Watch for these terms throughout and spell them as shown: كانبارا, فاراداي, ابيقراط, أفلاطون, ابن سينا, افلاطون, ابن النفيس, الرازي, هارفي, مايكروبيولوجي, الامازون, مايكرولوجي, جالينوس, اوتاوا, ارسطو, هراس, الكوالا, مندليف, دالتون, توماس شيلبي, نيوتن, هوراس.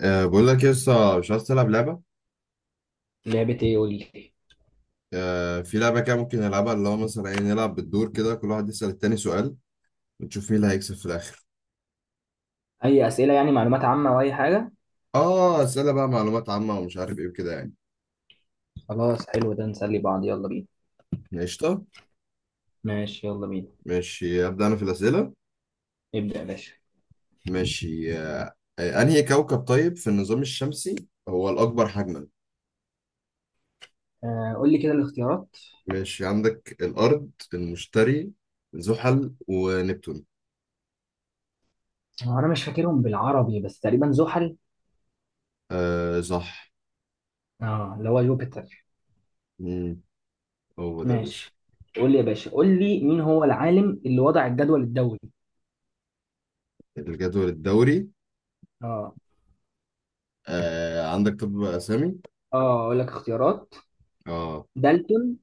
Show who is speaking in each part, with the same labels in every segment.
Speaker 1: أه بقول لك لسه مش عايز تلعب لعبة.
Speaker 2: لعبة ايه؟ قول لي.
Speaker 1: أه في لعبة كده ممكن نلعبها، اللي هو مثلا ايه، نلعب بالدور كده كل واحد يسأل التاني سؤال ونشوف مين اللي هيكسب في الآخر.
Speaker 2: اي اسئلة، يعني معلومات عامة او اي حاجة؟
Speaker 1: اه أسئلة بقى معلومات عامة ومش عارف ايه وكده يعني.
Speaker 2: خلاص، حلو ده، نسلي بعض. يلا بينا.
Speaker 1: قشطة.
Speaker 2: ماشي يلا بينا.
Speaker 1: ماشي أبدأ أنا في الأسئلة.
Speaker 2: ابدأ يا باشا.
Speaker 1: ماشي أه آه، أنهي كوكب طيب في النظام الشمسي هو الأكبر حجما؟
Speaker 2: آه، قول لي كده الاختيارات.
Speaker 1: ماشي عندك الأرض، المشتري، زحل، ونبتون.
Speaker 2: هو انا مش فاكرهم بالعربي، بس تقريبا زحل.
Speaker 1: أه صح.
Speaker 2: اه، اللي هو جوبيتر.
Speaker 1: مم، هو ده يا باشا.
Speaker 2: ماشي. قول لي يا باشا، قول لي مين هو العالم اللي وضع الجدول الدوري.
Speaker 1: الجدول الدوري؟
Speaker 2: اه
Speaker 1: آه عندك طب أسامي.
Speaker 2: اه، اقول لك اختيارات:
Speaker 1: اه
Speaker 2: دالتون،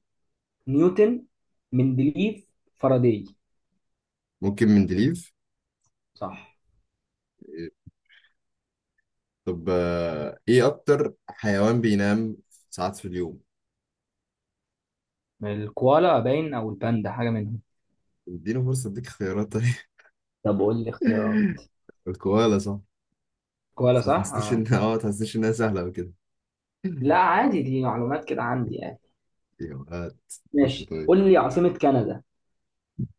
Speaker 2: نيوتن، مندليف، فاراداي.
Speaker 1: ممكن مندليف.
Speaker 2: صح.
Speaker 1: طب ايه اكتر حيوان بينام ساعات في اليوم؟
Speaker 2: الكوالا باين، او الباندا، حاجة منهم.
Speaker 1: اديني فرصة اديك خيارات طيب.
Speaker 2: طب قول لي اختيارات.
Speaker 1: الكوالا صح.
Speaker 2: كوالا،
Speaker 1: بس ما
Speaker 2: صح؟
Speaker 1: تحسنيش
Speaker 2: اه،
Speaker 1: ان ما تحسنيش انها سهلة أوي كده.
Speaker 2: لا عادي، دي معلومات كده عندي يعني.
Speaker 1: يا وقت. خش
Speaker 2: ماشي،
Speaker 1: طيب.
Speaker 2: قول لي عاصمة كندا.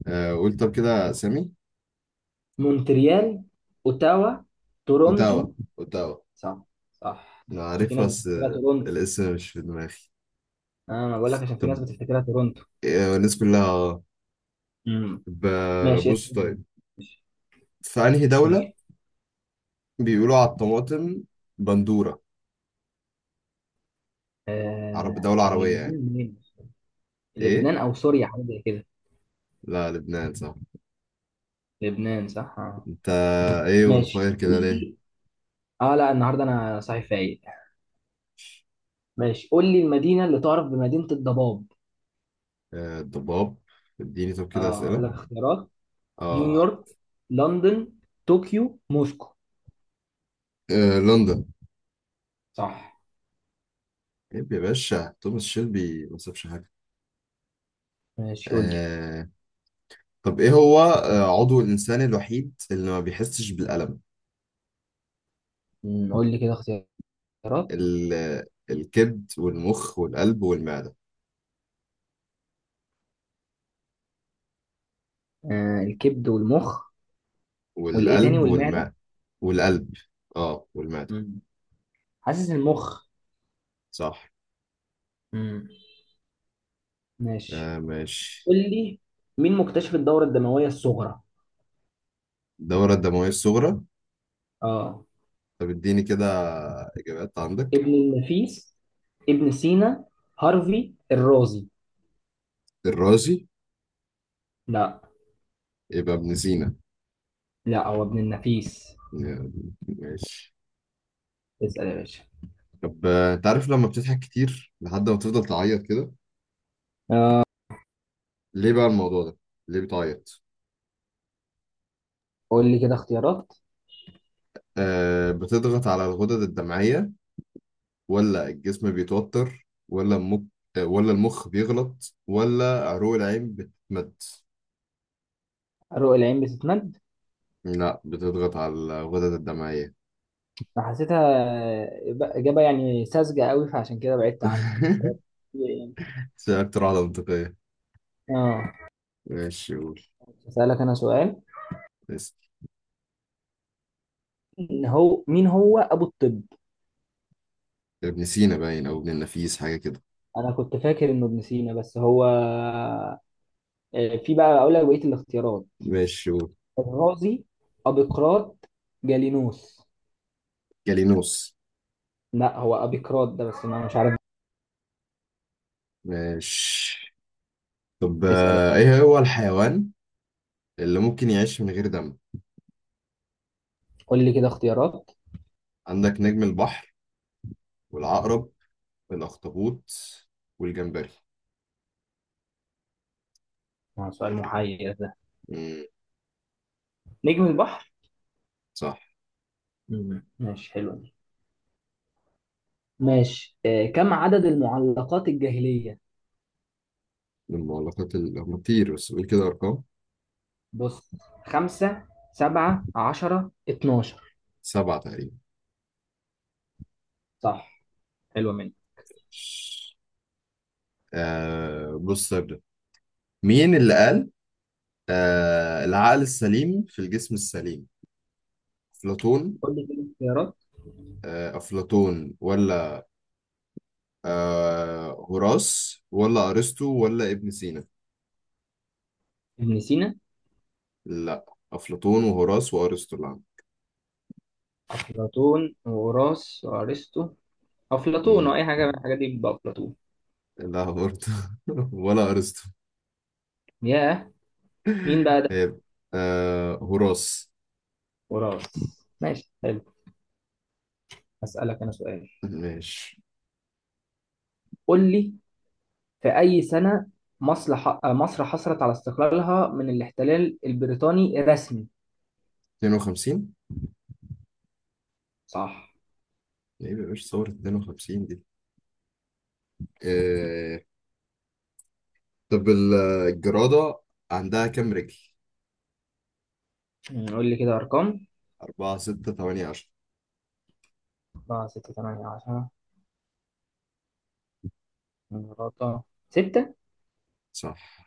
Speaker 1: آه قول طب كده سامي.
Speaker 2: مونتريال، اوتاوا، تورونتو.
Speaker 1: اوتاوا، اوتاوا.
Speaker 2: صح. صح.
Speaker 1: انا
Speaker 2: في
Speaker 1: عارفها
Speaker 2: ناس
Speaker 1: بس
Speaker 2: بتفتكرها تورونتو.
Speaker 1: الاسم مش في دماغي.
Speaker 2: اه انا بقول لك عشان في
Speaker 1: طب
Speaker 2: ناس بتفتكرها تورونتو.
Speaker 1: الناس كلها
Speaker 2: امم.
Speaker 1: طب
Speaker 2: ماشي، إيه
Speaker 1: بص
Speaker 2: تاني؟
Speaker 1: طيب. في انهي
Speaker 2: قول
Speaker 1: دولة
Speaker 2: لي.
Speaker 1: بيقولوا على الطماطم بندورة؟ عرب،
Speaker 2: آه،
Speaker 1: دولة
Speaker 2: كان
Speaker 1: عربية يعني.
Speaker 2: لبنان منين؟
Speaker 1: ايه،
Speaker 2: لبنان او سوريا، حاجه زي كده.
Speaker 1: لا لبنان صح.
Speaker 2: لبنان، صح آه.
Speaker 1: انت ايه اون
Speaker 2: ماشي
Speaker 1: فاير
Speaker 2: قول
Speaker 1: كده ليه؟
Speaker 2: لي. اه لا، النهارده انا صحيح فايق. ماشي قول لي المدينه اللي تعرف بمدينه الضباب.
Speaker 1: الضباب. اديني طب كده
Speaker 2: اه اقول
Speaker 1: اسئله.
Speaker 2: لك اختيارات:
Speaker 1: اه
Speaker 2: نيويورك، لندن، طوكيو، موسكو.
Speaker 1: لندن.
Speaker 2: صح.
Speaker 1: طيب يا باشا توماس شيلبي ما سابش حاجه.
Speaker 2: ماشي قول لي.
Speaker 1: آه. طب ايه هو عضو الانسان الوحيد اللي ما بيحسش بالالم؟
Speaker 2: أمم، قول لي كده اختيارات.
Speaker 1: ال... آه، الكبد والمخ والقلب والمعده.
Speaker 2: آه الكبد والمخ، والايه تاني،
Speaker 1: والقلب
Speaker 2: والمعدة؟
Speaker 1: والماء والقلب اه والمعده.
Speaker 2: أمم، حاسس المخ.
Speaker 1: صح.
Speaker 2: أمم، ماشي.
Speaker 1: آه ماشي.
Speaker 2: قول لي مين مكتشف الدورة الدموية الصغرى.
Speaker 1: الدوره الدمويه الصغرى.
Speaker 2: اه.
Speaker 1: طب اديني كده اجابات عندك.
Speaker 2: ابن النفيس، ابن سينا، هارفي، الرازي.
Speaker 1: الرازي.
Speaker 2: لا.
Speaker 1: يبقى ابن سينا.
Speaker 2: لا هو ابن النفيس.
Speaker 1: ماشي.
Speaker 2: اسأل يا باشا.
Speaker 1: طب انت عارف لما بتضحك كتير لحد ما تفضل تعيط كده، ليه بقى الموضوع ده؟ ليه بتعيط؟
Speaker 2: قول لي كده اختيارات.
Speaker 1: آه بتضغط على الغدد الدمعية، ولا الجسم بيتوتر، ولا المخ، ولا المخ بيغلط، ولا عروق العين بتتمد؟
Speaker 2: رؤى العين بتتمد.
Speaker 1: لا بتضغط على الغدد الدمعية.
Speaker 2: أنا حسيتها إجابة يعني ساذجة قوي، فعشان كده بعدت عنها. بس هي-
Speaker 1: بس هي أكتر واحدة منطقية.
Speaker 2: اه
Speaker 1: ماشي قول.
Speaker 2: هسألك أنا سؤال.
Speaker 1: اسأل.
Speaker 2: إن هو مين هو ابو الطب؟
Speaker 1: ابن سينا باين أو ابن النفيس حاجة كده.
Speaker 2: انا كنت فاكر انه ابن سينا، بس هو آه، في بقى اقول لك بقيه الاختيارات:
Speaker 1: ماشي قول.
Speaker 2: الرازي، ابيقراط، جالينوس.
Speaker 1: جالينوس.
Speaker 2: لا هو ابيقراط ده، بس انا مش عارف.
Speaker 1: ماشي. طب
Speaker 2: اسال.
Speaker 1: ايه هو الحيوان اللي ممكن يعيش من غير دم؟
Speaker 2: قول لي كده اختيارات.
Speaker 1: عندك نجم البحر، والعقرب، والاخطبوط، والجمبري.
Speaker 2: آه، سؤال محير ده.
Speaker 1: امم.
Speaker 2: نجم البحر.
Speaker 1: صح.
Speaker 2: مم، ماشي حلو دي. ماشي، آه، كم عدد المعلقات الجاهليه؟
Speaker 1: من المعلقات اللي هم كتير، بس قول كده ارقام.
Speaker 2: بص، خمسة، سبعة، عشرة، اتناشر.
Speaker 1: 7 تقريبا.
Speaker 2: صح. حلوة منك.
Speaker 1: آه بص ابدا. مين اللي قال العقل السليم في الجسم السليم؟ افلاطون؟
Speaker 2: قول لي كده اختيارات.
Speaker 1: آه افلاطون ولا هراس ولا ارسطو ولا ابن سينا؟
Speaker 2: ابن سينا.
Speaker 1: لا. افلاطون وهراس وارسطو.
Speaker 2: أفلاطون وهوراس وأرسطو.
Speaker 1: لا.
Speaker 2: أفلاطون، أو أي حاجة من الحاجات دي، بيبقى أفلاطون.
Speaker 1: لا برضه. ولا ارسطو.
Speaker 2: ياه، مين بقى ده؟
Speaker 1: هيبقى هراس.
Speaker 2: هوراس. ماشي حلو. هسألك أنا سؤال.
Speaker 1: ماشي.
Speaker 2: قول لي. في أي سنة مصر مصر حصلت على استقلالها من الاحتلال البريطاني رسمي؟
Speaker 1: 52.
Speaker 2: صح.
Speaker 1: ايه يا باشا صورة 52 دي؟ آه طب الجرادة عندها كام رجل؟
Speaker 2: مم، قول لي كده أرقام.
Speaker 1: 4 6 8 10.
Speaker 2: 4 6 8 10 مرات. 6.
Speaker 1: صح.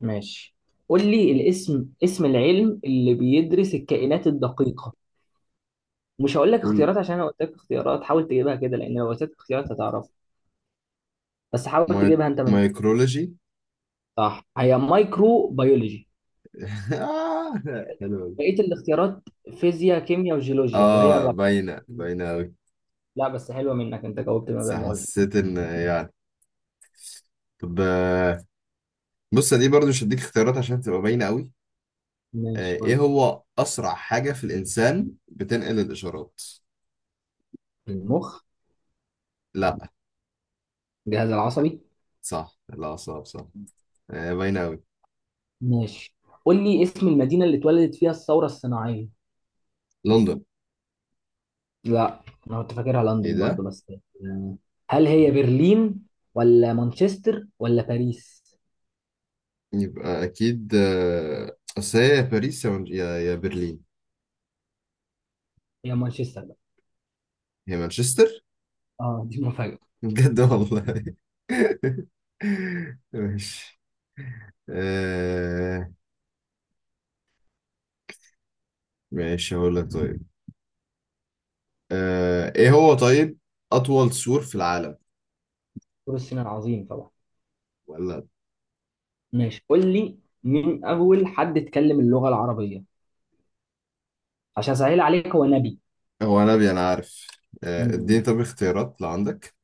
Speaker 2: ماشي. قول لي الاسم، اسم العلم اللي بيدرس الكائنات الدقيقة. مش هقول لك
Speaker 1: قول.
Speaker 2: اختيارات عشان انا قلت لك اختيارات، حاول تجيبها كده، لان لو قلت لك اختيارات هتعرف. بس حاول
Speaker 1: ماي...
Speaker 2: تجيبها انت من.
Speaker 1: مايكرولوجي.
Speaker 2: صح، هي مايكرو بيولوجي.
Speaker 1: آه. حلو أوي.
Speaker 2: بقيه الاختيارات: فيزياء، كيمياء، وجيولوجيا، وهي
Speaker 1: اه
Speaker 2: الرابعه.
Speaker 1: باينة، باينة أوي.
Speaker 2: لا بس حلوه منك، انت جاوبت من
Speaker 1: بس
Speaker 2: غير ما اقول لك.
Speaker 1: حسيت إن يعني طب بص دي برضو مش هديك اختيارات عشان تبقى باينة أوي.
Speaker 2: ماشي قول
Speaker 1: ايه
Speaker 2: لي.
Speaker 1: هو اسرع حاجة في الانسان بتنقل الاشارات؟
Speaker 2: المخ.
Speaker 1: لا.
Speaker 2: الجهاز العصبي.
Speaker 1: صح لا صعب صح. باينة قوي.
Speaker 2: ماشي قول لي اسم المدينه اللي اتولدت فيها الثوره الصناعيه.
Speaker 1: لندن.
Speaker 2: لا. انا كنت فاكرها
Speaker 1: ايه
Speaker 2: لندن برضو،
Speaker 1: ده؟
Speaker 2: بس هل هي برلين ولا مانشستر ولا باريس؟
Speaker 1: يبقى اكيد اصل هي يا باريس يا برلين
Speaker 2: هي مانشستر بقى.
Speaker 1: هي مانشستر.
Speaker 2: اه دي مفاجأة.
Speaker 1: بجد والله. ماشي. آه، ماشي هقول لك طيب. ايه هو طيب اطول سور في العالم؟
Speaker 2: دكتور الصيني العظيم طبعا.
Speaker 1: ولا.
Speaker 2: ماشي قول لي مين اول حد اتكلم اللغه العربيه؟ عشان اسهل عليك، هو نبي.
Speaker 1: هو نبي انا عارف. اديني
Speaker 2: مم.
Speaker 1: طب اختيارات لو عندك.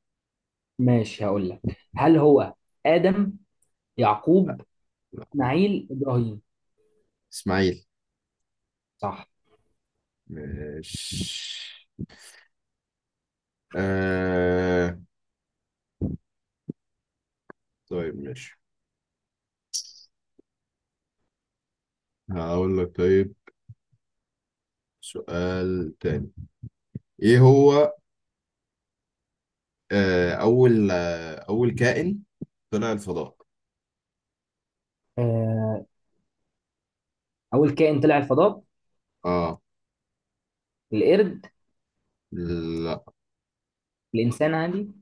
Speaker 2: ماشي هقول لك، هل هو ادم،
Speaker 1: لا.
Speaker 2: يعقوب،
Speaker 1: لا.
Speaker 2: اسماعيل، ابراهيم؟
Speaker 1: اسماعيل.
Speaker 2: صح.
Speaker 1: ماشي. آه... طيب ماشي هقول لك طيب. سؤال تاني. ايه هو اول كائن طلع الفضاء؟
Speaker 2: آه، اول كائن طلع الفضاء.
Speaker 1: اه.
Speaker 2: القرد.
Speaker 1: لا.
Speaker 2: الانسان عادي.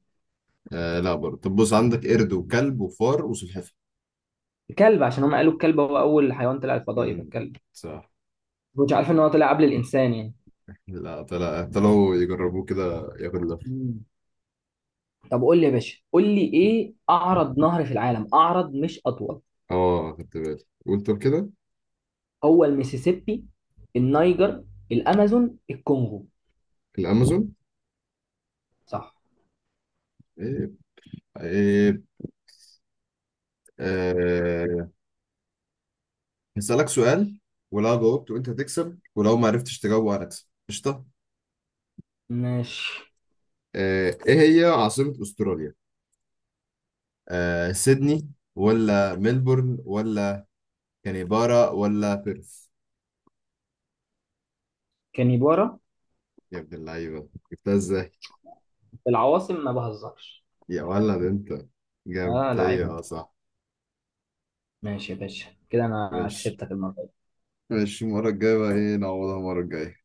Speaker 1: لا برضه. طب بص عندك قرد وكلب وفار وسلحفاة.
Speaker 2: الكلب، عشان هم قالوا الكلب هو اول حيوان طلع الفضاء، يبقى
Speaker 1: مم،
Speaker 2: الكلب.
Speaker 1: صح.
Speaker 2: كنتش عارف ان هو طلع قبل الانسان يعني.
Speaker 1: لا طلع، طلعوا يجربوه كده، ياخد لفة.
Speaker 2: مم. طب قول لي يا باشا، قول لي ايه اعرض نهر في العالم، اعرض مش اطول؟
Speaker 1: اه خدت بالي، قول طب كده.
Speaker 2: هو الميسيسيبي، النيجر، الامازون، الكونغو.
Speaker 1: الامازون.
Speaker 2: صح.
Speaker 1: ايه، ايه. آه... هسألك سؤال، ولو جاوبت وانت هتكسب، ولو ما عرفتش تجاوبه انا هكسب. قشطة.
Speaker 2: ماشي.
Speaker 1: ايه هي عاصمة استراليا؟ سيدني ولا ملبورن ولا كانبارا ولا بيرث؟
Speaker 2: كانيبارا.
Speaker 1: يا ابن اللعيبة جبتها ازاي؟
Speaker 2: في العواصم ما بهزرش.
Speaker 1: يا ولد انت. جامد
Speaker 2: اه
Speaker 1: هي،
Speaker 2: لعيبه.
Speaker 1: اه صح.
Speaker 2: ماشي يا باشا، كده انا
Speaker 1: ماشي.
Speaker 2: كسبتك المره دي.
Speaker 1: ماشي المرة الجاية بقى ايه، نعوضها المرة الجاية.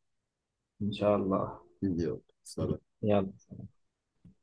Speaker 2: ان شاء الله.
Speaker 1: يلا سلام.
Speaker 2: يلا.